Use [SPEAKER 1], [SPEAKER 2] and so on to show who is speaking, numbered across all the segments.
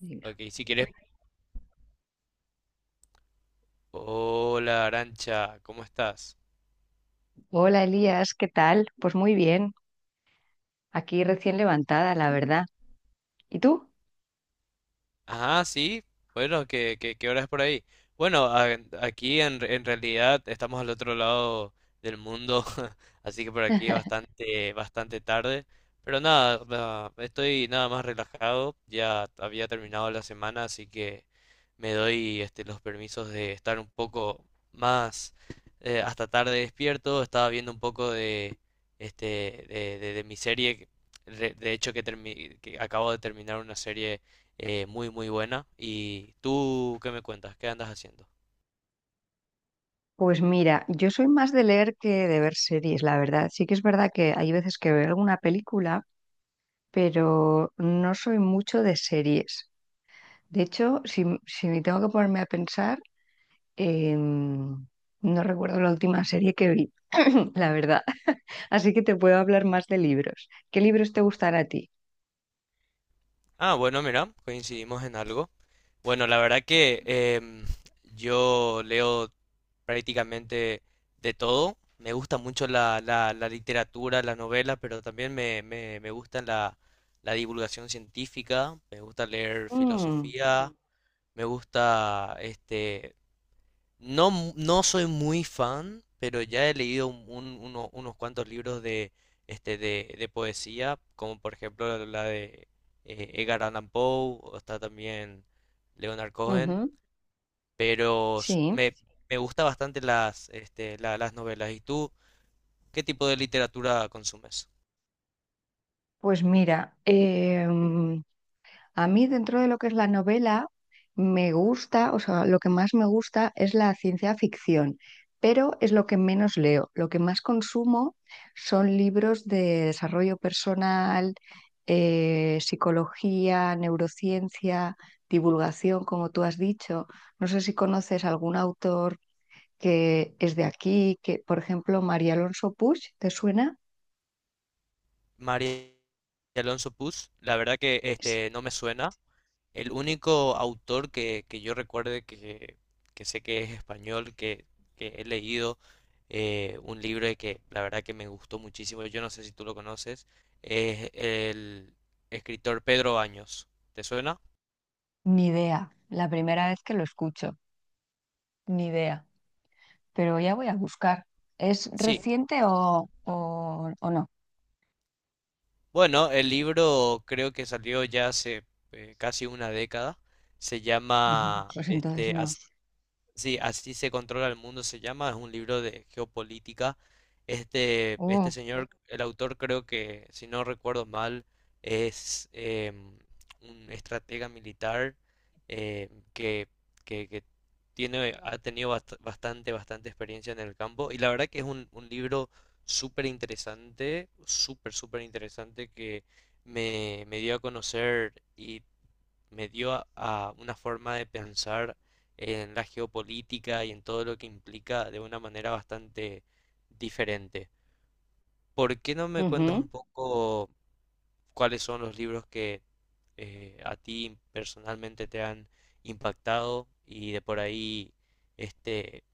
[SPEAKER 1] Venga.
[SPEAKER 2] Ok, si quieres. Hola, Arancha, ¿cómo estás?
[SPEAKER 1] Hola Elías, ¿qué tal? Pues muy bien, aquí recién levantada, la verdad. ¿Y tú?
[SPEAKER 2] Ah, sí. Bueno, ¿qué hora es por ahí? Bueno, aquí en realidad estamos al otro lado del mundo, así que por aquí es bastante tarde. Pero nada, va, estoy nada más relajado. Ya había terminado la semana, así que me doy este, los permisos de estar un poco más hasta tarde despierto. Estaba viendo un poco este, de mi serie. De hecho, que acabo de terminar una serie muy muy buena. ¿Y tú qué me cuentas? ¿Qué andas haciendo?
[SPEAKER 1] Pues mira, yo soy más de leer que de ver series, la verdad. Sí que es verdad que hay veces que veo alguna película, pero no soy mucho de series. De hecho, si me tengo que ponerme a pensar, em, no recuerdo la última serie que vi, la verdad. Así que te puedo hablar más de libros. ¿Qué libros te gustan a ti?
[SPEAKER 2] Ah, bueno, mira, coincidimos en algo. Bueno, la verdad que yo leo prácticamente de todo. Me gusta mucho la literatura, la novela, pero también me gusta la divulgación científica, me gusta leer
[SPEAKER 1] Mm,
[SPEAKER 2] filosofía, me gusta este, No, no soy muy fan, pero ya he leído unos cuantos libros de, este, de poesía, como por ejemplo la de Edgar Allan Poe, o está también Leonard Cohen,
[SPEAKER 1] ujú,
[SPEAKER 2] pero
[SPEAKER 1] sí.
[SPEAKER 2] me gusta bastante las, este, las novelas. ¿Y tú qué tipo de literatura consumes?
[SPEAKER 1] Pues mira, a mí dentro de lo que es la novela, me gusta, o sea, lo que más me gusta es la ciencia ficción, pero es lo que menos leo. Lo que más consumo son libros de desarrollo personal, psicología, neurociencia, divulgación, como tú has dicho. No sé si conoces algún autor que es de aquí, que, por ejemplo, María Alonso Puig, ¿te suena?
[SPEAKER 2] María Alonso Puz, la verdad que
[SPEAKER 1] Sí.
[SPEAKER 2] este, no me suena. El único autor que yo recuerde que sé que es español, que he leído un libro y que la verdad que me gustó muchísimo, yo no sé si tú lo conoces, es el escritor Pedro Baños. ¿Te suena?
[SPEAKER 1] Ni idea, la primera vez que lo escucho. Ni idea, pero ya voy a buscar. ¿Es
[SPEAKER 2] Sí.
[SPEAKER 1] reciente o no?
[SPEAKER 2] Bueno, el libro creo que salió ya hace casi una década. Se
[SPEAKER 1] Ajá,
[SPEAKER 2] llama
[SPEAKER 1] pues entonces
[SPEAKER 2] este,
[SPEAKER 1] no.
[SPEAKER 2] Sí, así se controla el mundo, se llama, es un libro de geopolítica. Este
[SPEAKER 1] Oh,
[SPEAKER 2] señor, el autor creo que, si no recuerdo mal, es un estratega militar eh, que, que tiene, ha tenido bastante experiencia en el campo. Y la verdad que es un libro súper interesante, súper interesante que me dio a conocer y me dio a una forma de pensar en la geopolítica y en todo lo que implica de una manera bastante diferente. ¿Por qué no me cuentas un
[SPEAKER 1] ujú.
[SPEAKER 2] poco cuáles son los libros que a ti personalmente te han impactado y de por ahí este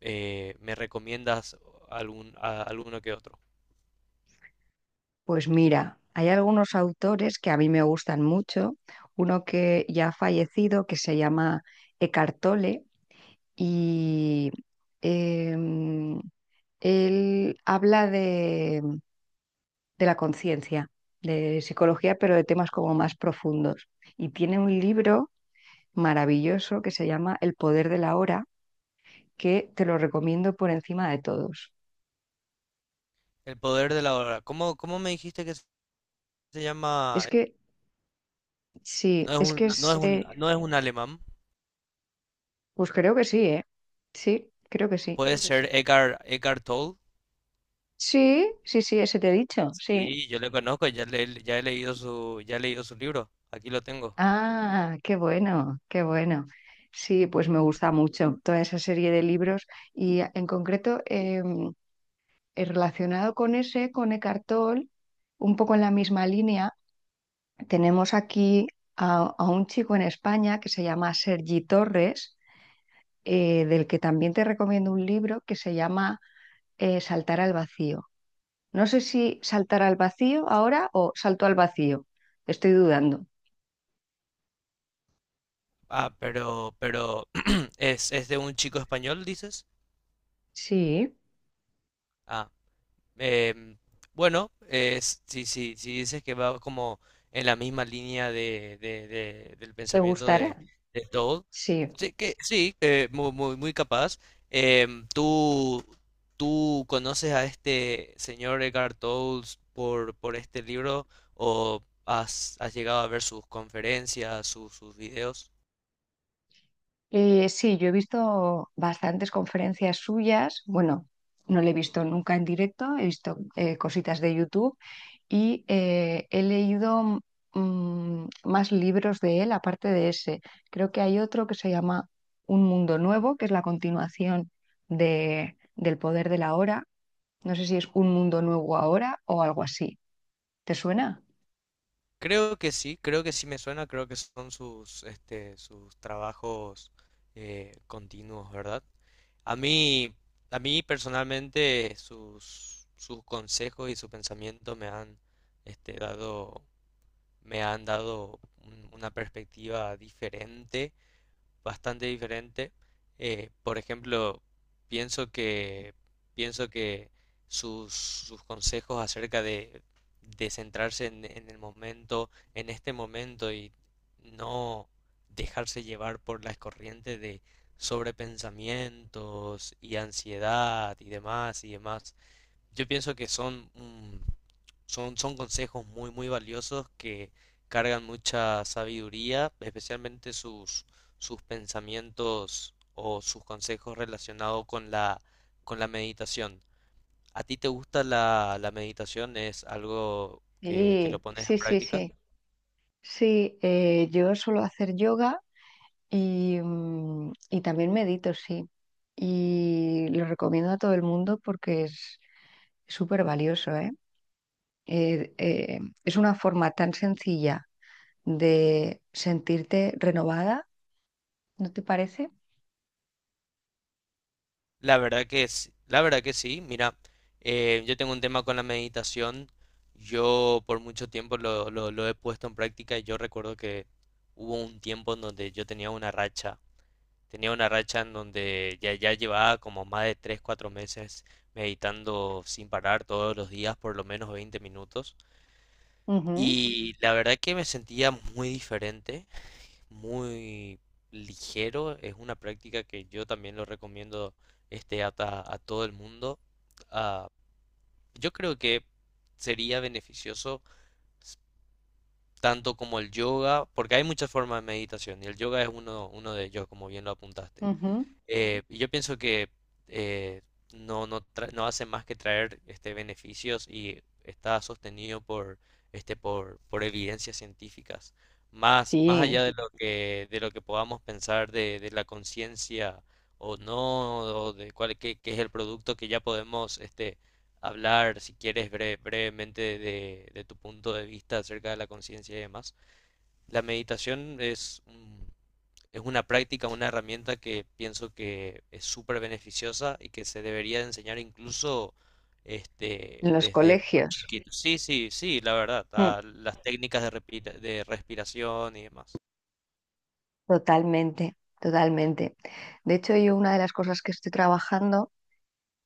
[SPEAKER 2] me recomiendas alguno que otro?
[SPEAKER 1] Pues mira, hay algunos autores que a mí me gustan mucho. Uno que ya ha fallecido, que se llama Eckhart Tolle, y em, él habla de la conciencia, de psicología, pero de temas como más profundos. Y tiene un libro maravilloso que se llama El poder de la hora, que te lo recomiendo por encima de todos.
[SPEAKER 2] El poder de la hora. ¿Cómo me dijiste que se llama?
[SPEAKER 1] Es que sí,
[SPEAKER 2] No es
[SPEAKER 1] es
[SPEAKER 2] un,
[SPEAKER 1] que
[SPEAKER 2] no es Es, un, no es un alemán.
[SPEAKER 1] pues creo que sí, ¿eh? Sí, creo que sí.
[SPEAKER 2] Puede ser Edgar Toll.
[SPEAKER 1] Sí, sí, sí, ese te he dicho, sí.
[SPEAKER 2] Sí, yo le conozco, ya, ya he leído su, ya he leído su libro. Aquí lo tengo.
[SPEAKER 1] Ah, qué bueno, qué bueno. Sí, pues me gusta mucho toda esa serie de libros y ah, en concreto, relacionado con ese, con Eckhart Tolle, un poco en la misma línea, tenemos aquí a un chico en España que se llama Sergi Torres, del que también te recomiendo un libro que se llama, Saltar al vacío. No sé si saltar al vacío ahora o salto al vacío. Estoy dudando.
[SPEAKER 2] Ah, pero es de un chico español, dices.
[SPEAKER 1] Sí,
[SPEAKER 2] Ah, Eh, bueno, si dices que va como en la misma línea del
[SPEAKER 1] ¿te
[SPEAKER 2] pensamiento
[SPEAKER 1] gustará?
[SPEAKER 2] de Toad,
[SPEAKER 1] Sí.
[SPEAKER 2] sí, que muy capaz. Em, ¿tú conoces a este señor Edgar Toad por este libro o has, has llegado a ver sus conferencias, sus videos?
[SPEAKER 1] Sí, yo he visto bastantes conferencias suyas. Bueno, no le he visto nunca en directo, he visto cositas de YouTube y he leído más libros de él aparte de ese. Creo que hay otro que se llama Un Mundo Nuevo, que es la continuación del Poder de la Hora. No sé si es Un Mundo Nuevo ahora o algo así. ¿Te suena?
[SPEAKER 2] Creo que sí me suena, creo que son sus, este, sus trabajos continuos, ¿verdad? A mí, a mí personalmente sus consejos y su pensamiento me han, este, dado, me han dado una perspectiva diferente bastante diferente. Por ejemplo, pienso que, pienso que sus consejos acerca de centrarse en el momento, en este momento y no dejarse llevar por las corrientes de sobrepensamientos y ansiedad y demás y demás. Yo pienso que son, mm, son consejos muy valiosos que cargan mucha sabiduría, especialmente sus, sus pensamientos o sus consejos relacionados con con la meditación. ¿A ti te gusta la meditación? ¿Es algo que lo
[SPEAKER 1] Sí,
[SPEAKER 2] pones en
[SPEAKER 1] sí, sí,
[SPEAKER 2] práctica?
[SPEAKER 1] sí. Sí, yo suelo hacer yoga y, y también medito, sí. Y lo recomiendo a todo el mundo porque es súper valioso, ¿eh? Es una forma tan sencilla de sentirte renovada, ¿no te parece?
[SPEAKER 2] La verdad que sí. Mira, yo tengo un tema con la meditación. Yo por mucho tiempo lo he puesto en práctica y yo recuerdo que hubo un tiempo en donde yo tenía una racha. Tenía una racha en donde ya llevaba como más de 3 4 meses meditando sin parar todos los días por lo menos 20 minutos. Y la verdad que me sentía muy diferente muy ligero. Es una práctica que yo también lo recomiendo este, a todo el mundo. Ah, yo creo que sería beneficioso s- tanto como el yoga, porque hay muchas formas de meditación y el yoga es uno de ellos, como bien lo apuntaste.
[SPEAKER 1] Ujú, ujú.
[SPEAKER 2] Y yo pienso que eh, no hace más que traer este, beneficios y está sostenido este, por evidencias científicas. Más
[SPEAKER 1] Sí,
[SPEAKER 2] allá de lo que podamos pensar de la conciencia o no, o de qué es el producto que ya podemos este, hablar, si quieres, brevemente de tu punto de vista acerca de la conciencia y demás. La meditación es un Es una práctica, una herramienta que pienso que es súper beneficiosa y que se debería enseñar incluso
[SPEAKER 1] en
[SPEAKER 2] este,
[SPEAKER 1] los
[SPEAKER 2] desde muy
[SPEAKER 1] colegios.
[SPEAKER 2] chiquito. Sí, sí, sí, la verdad,
[SPEAKER 1] Mm,
[SPEAKER 2] a las técnicas de respiración y demás.
[SPEAKER 1] totalmente, totalmente. De hecho, yo una de las cosas que estoy trabajando,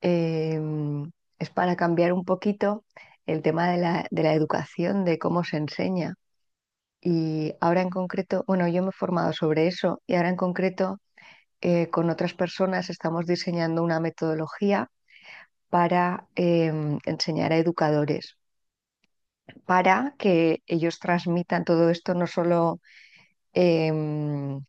[SPEAKER 1] em, es para cambiar un poquito el tema de de la educación, de cómo se enseña. Y ahora en concreto, bueno, yo me he formado sobre eso, y ahora en concreto, con otras personas estamos diseñando una metodología para enseñar a educadores, para que ellos transmitan todo esto, no solo, em,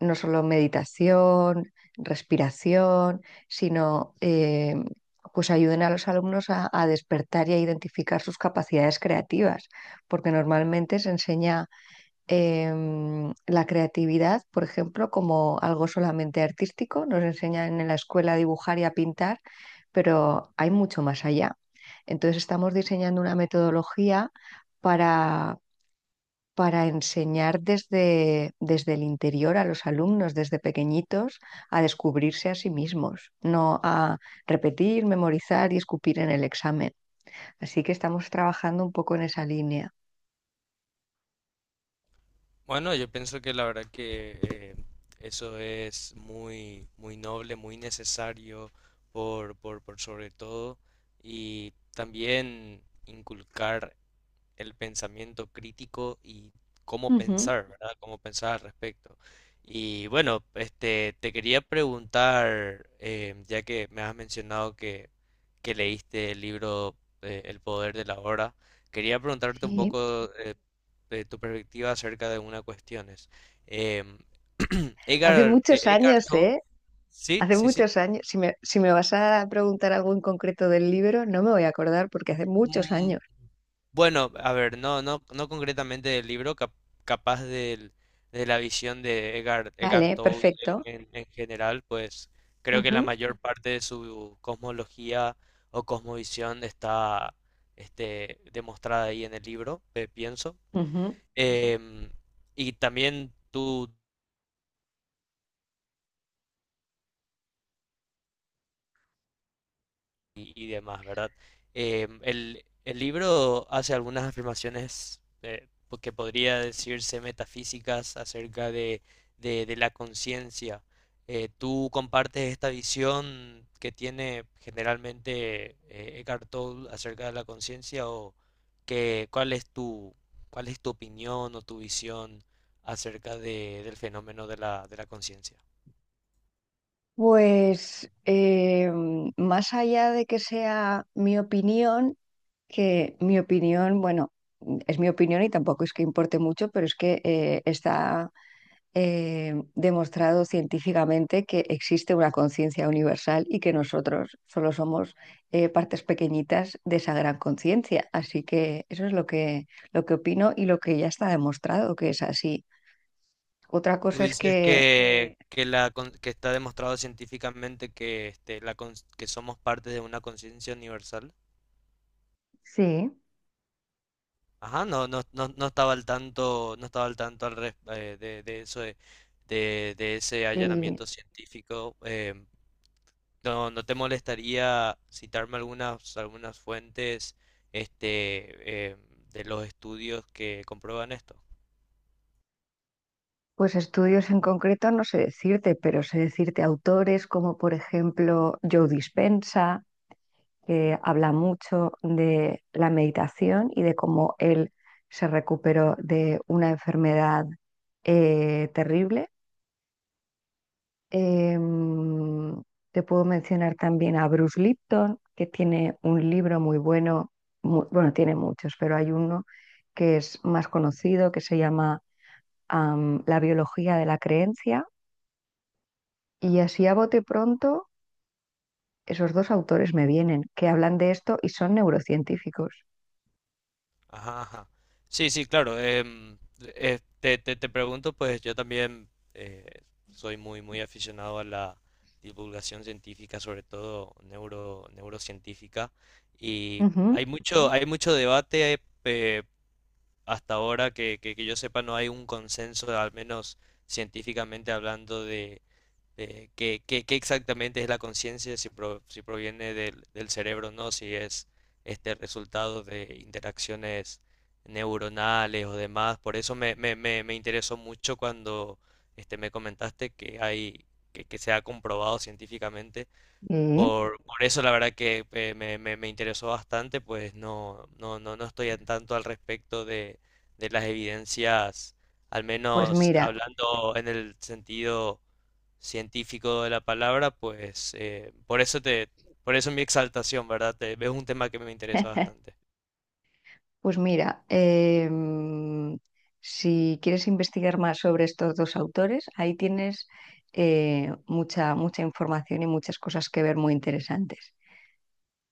[SPEAKER 1] no solo meditación, respiración, sino pues ayuden a los alumnos a despertar y a identificar sus capacidades creativas, porque normalmente se enseña, la creatividad, por ejemplo, como algo solamente artístico. Nos enseñan en la escuela a dibujar y a pintar, pero hay mucho más allá. Entonces estamos diseñando una metodología para, para enseñar desde el interior a los alumnos, desde pequeñitos, a descubrirse a sí mismos, no a repetir, memorizar y escupir en el examen. Así que estamos trabajando un poco en esa línea.
[SPEAKER 2] Bueno, yo pienso que la verdad que eso es muy noble, muy necesario por sobre todo y también inculcar el pensamiento crítico y cómo
[SPEAKER 1] Ujú.
[SPEAKER 2] pensar, ¿verdad? Cómo pensar al respecto. Y bueno, este, te quería preguntar, ya que me has mencionado que leíste el libro El poder de la hora, quería preguntarte un
[SPEAKER 1] Sí,
[SPEAKER 2] poco de tu perspectiva acerca de una cuestión. Es, em,
[SPEAKER 1] hace muchos
[SPEAKER 2] Edgar
[SPEAKER 1] años,
[SPEAKER 2] Tolle,
[SPEAKER 1] ¿eh?
[SPEAKER 2] sí,
[SPEAKER 1] Hace
[SPEAKER 2] sí, sí.
[SPEAKER 1] muchos años, si me vas a preguntar algo en concreto del libro, no me voy a acordar porque hace muchos
[SPEAKER 2] Mm,
[SPEAKER 1] años.
[SPEAKER 2] Bueno, a ver, no, no, no concretamente del libro, capaz de la visión de Edgar
[SPEAKER 1] Vale,
[SPEAKER 2] Tolle
[SPEAKER 1] perfecto.
[SPEAKER 2] en general, pues creo que la
[SPEAKER 1] Ujú,
[SPEAKER 2] mayor parte de su cosmología o cosmovisión está este, demostrada ahí en el libro, pienso.
[SPEAKER 1] ujú.
[SPEAKER 2] Em, y también tú, y demás, ¿verdad? El libro hace algunas afirmaciones pues, que podría decirse metafísicas acerca de la conciencia. ¿Tú compartes esta visión que tiene generalmente Eckhart Tolle acerca de la conciencia o que, cuál es tu, cuál es tu opinión o tu visión acerca del fenómeno de de la conciencia?
[SPEAKER 1] Pues más allá de que sea mi opinión, que mi opinión, bueno, es mi opinión y tampoco es que importe mucho, pero es que está demostrado científicamente que existe una conciencia universal y que nosotros solo somos partes pequeñitas de esa gran conciencia. Así que eso es lo que opino y lo que ya está demostrado que es así. Otra
[SPEAKER 2] Tú
[SPEAKER 1] cosa es
[SPEAKER 2] dices
[SPEAKER 1] que
[SPEAKER 2] que está demostrado científicamente que, este, que somos parte de una conciencia universal.
[SPEAKER 1] sí,
[SPEAKER 2] Ajá, no, no, no, no estaba al tanto, no estaba al tanto de eso de, de ese
[SPEAKER 1] sí,
[SPEAKER 2] allanamiento científico. No, ¿no te molestaría citarme algunas fuentes este, de los estudios que comprueban esto?
[SPEAKER 1] pues estudios en concreto no sé decirte, pero sé decirte autores como por ejemplo Joe Dispenza, que habla mucho de la meditación y de cómo él se recuperó de una enfermedad, terrible. Eh, Te puedo mencionar también a Bruce Lipton, que tiene un libro muy bueno, bueno, tiene muchos, pero hay uno que es más conocido, que se llama, La biología de la creencia. Y así a bote pronto, esos dos autores me vienen, que hablan de esto y son neurocientíficos.
[SPEAKER 2] Ajá, ajá. Sí, sí, claro. em, te pregunto, pues yo también soy muy aficionado a la divulgación científica, sobre todo neurocientífica, y
[SPEAKER 1] Ujú,
[SPEAKER 2] hay mucho debate, hasta ahora que yo sepa no hay un consenso, al menos científicamente hablando, de qué exactamente es la conciencia, si, si proviene del cerebro o no, si es este resultado de interacciones neuronales o demás. Por eso me interesó mucho cuando este, me comentaste que hay, que se ha comprobado científicamente.
[SPEAKER 1] sí.
[SPEAKER 2] Por eso la verdad que me interesó bastante, pues no, no, no, no estoy en tanto al respecto de las evidencias, al
[SPEAKER 1] Pues
[SPEAKER 2] menos
[SPEAKER 1] mira,
[SPEAKER 2] hablando en el sentido científico de la palabra, pues por eso te, por eso mi exaltación, ¿verdad? Es un tema que me interesa bastante.
[SPEAKER 1] pues mira, em, si quieres investigar más sobre estos dos autores, ahí tienes mucha, mucha información y muchas cosas que ver muy interesantes.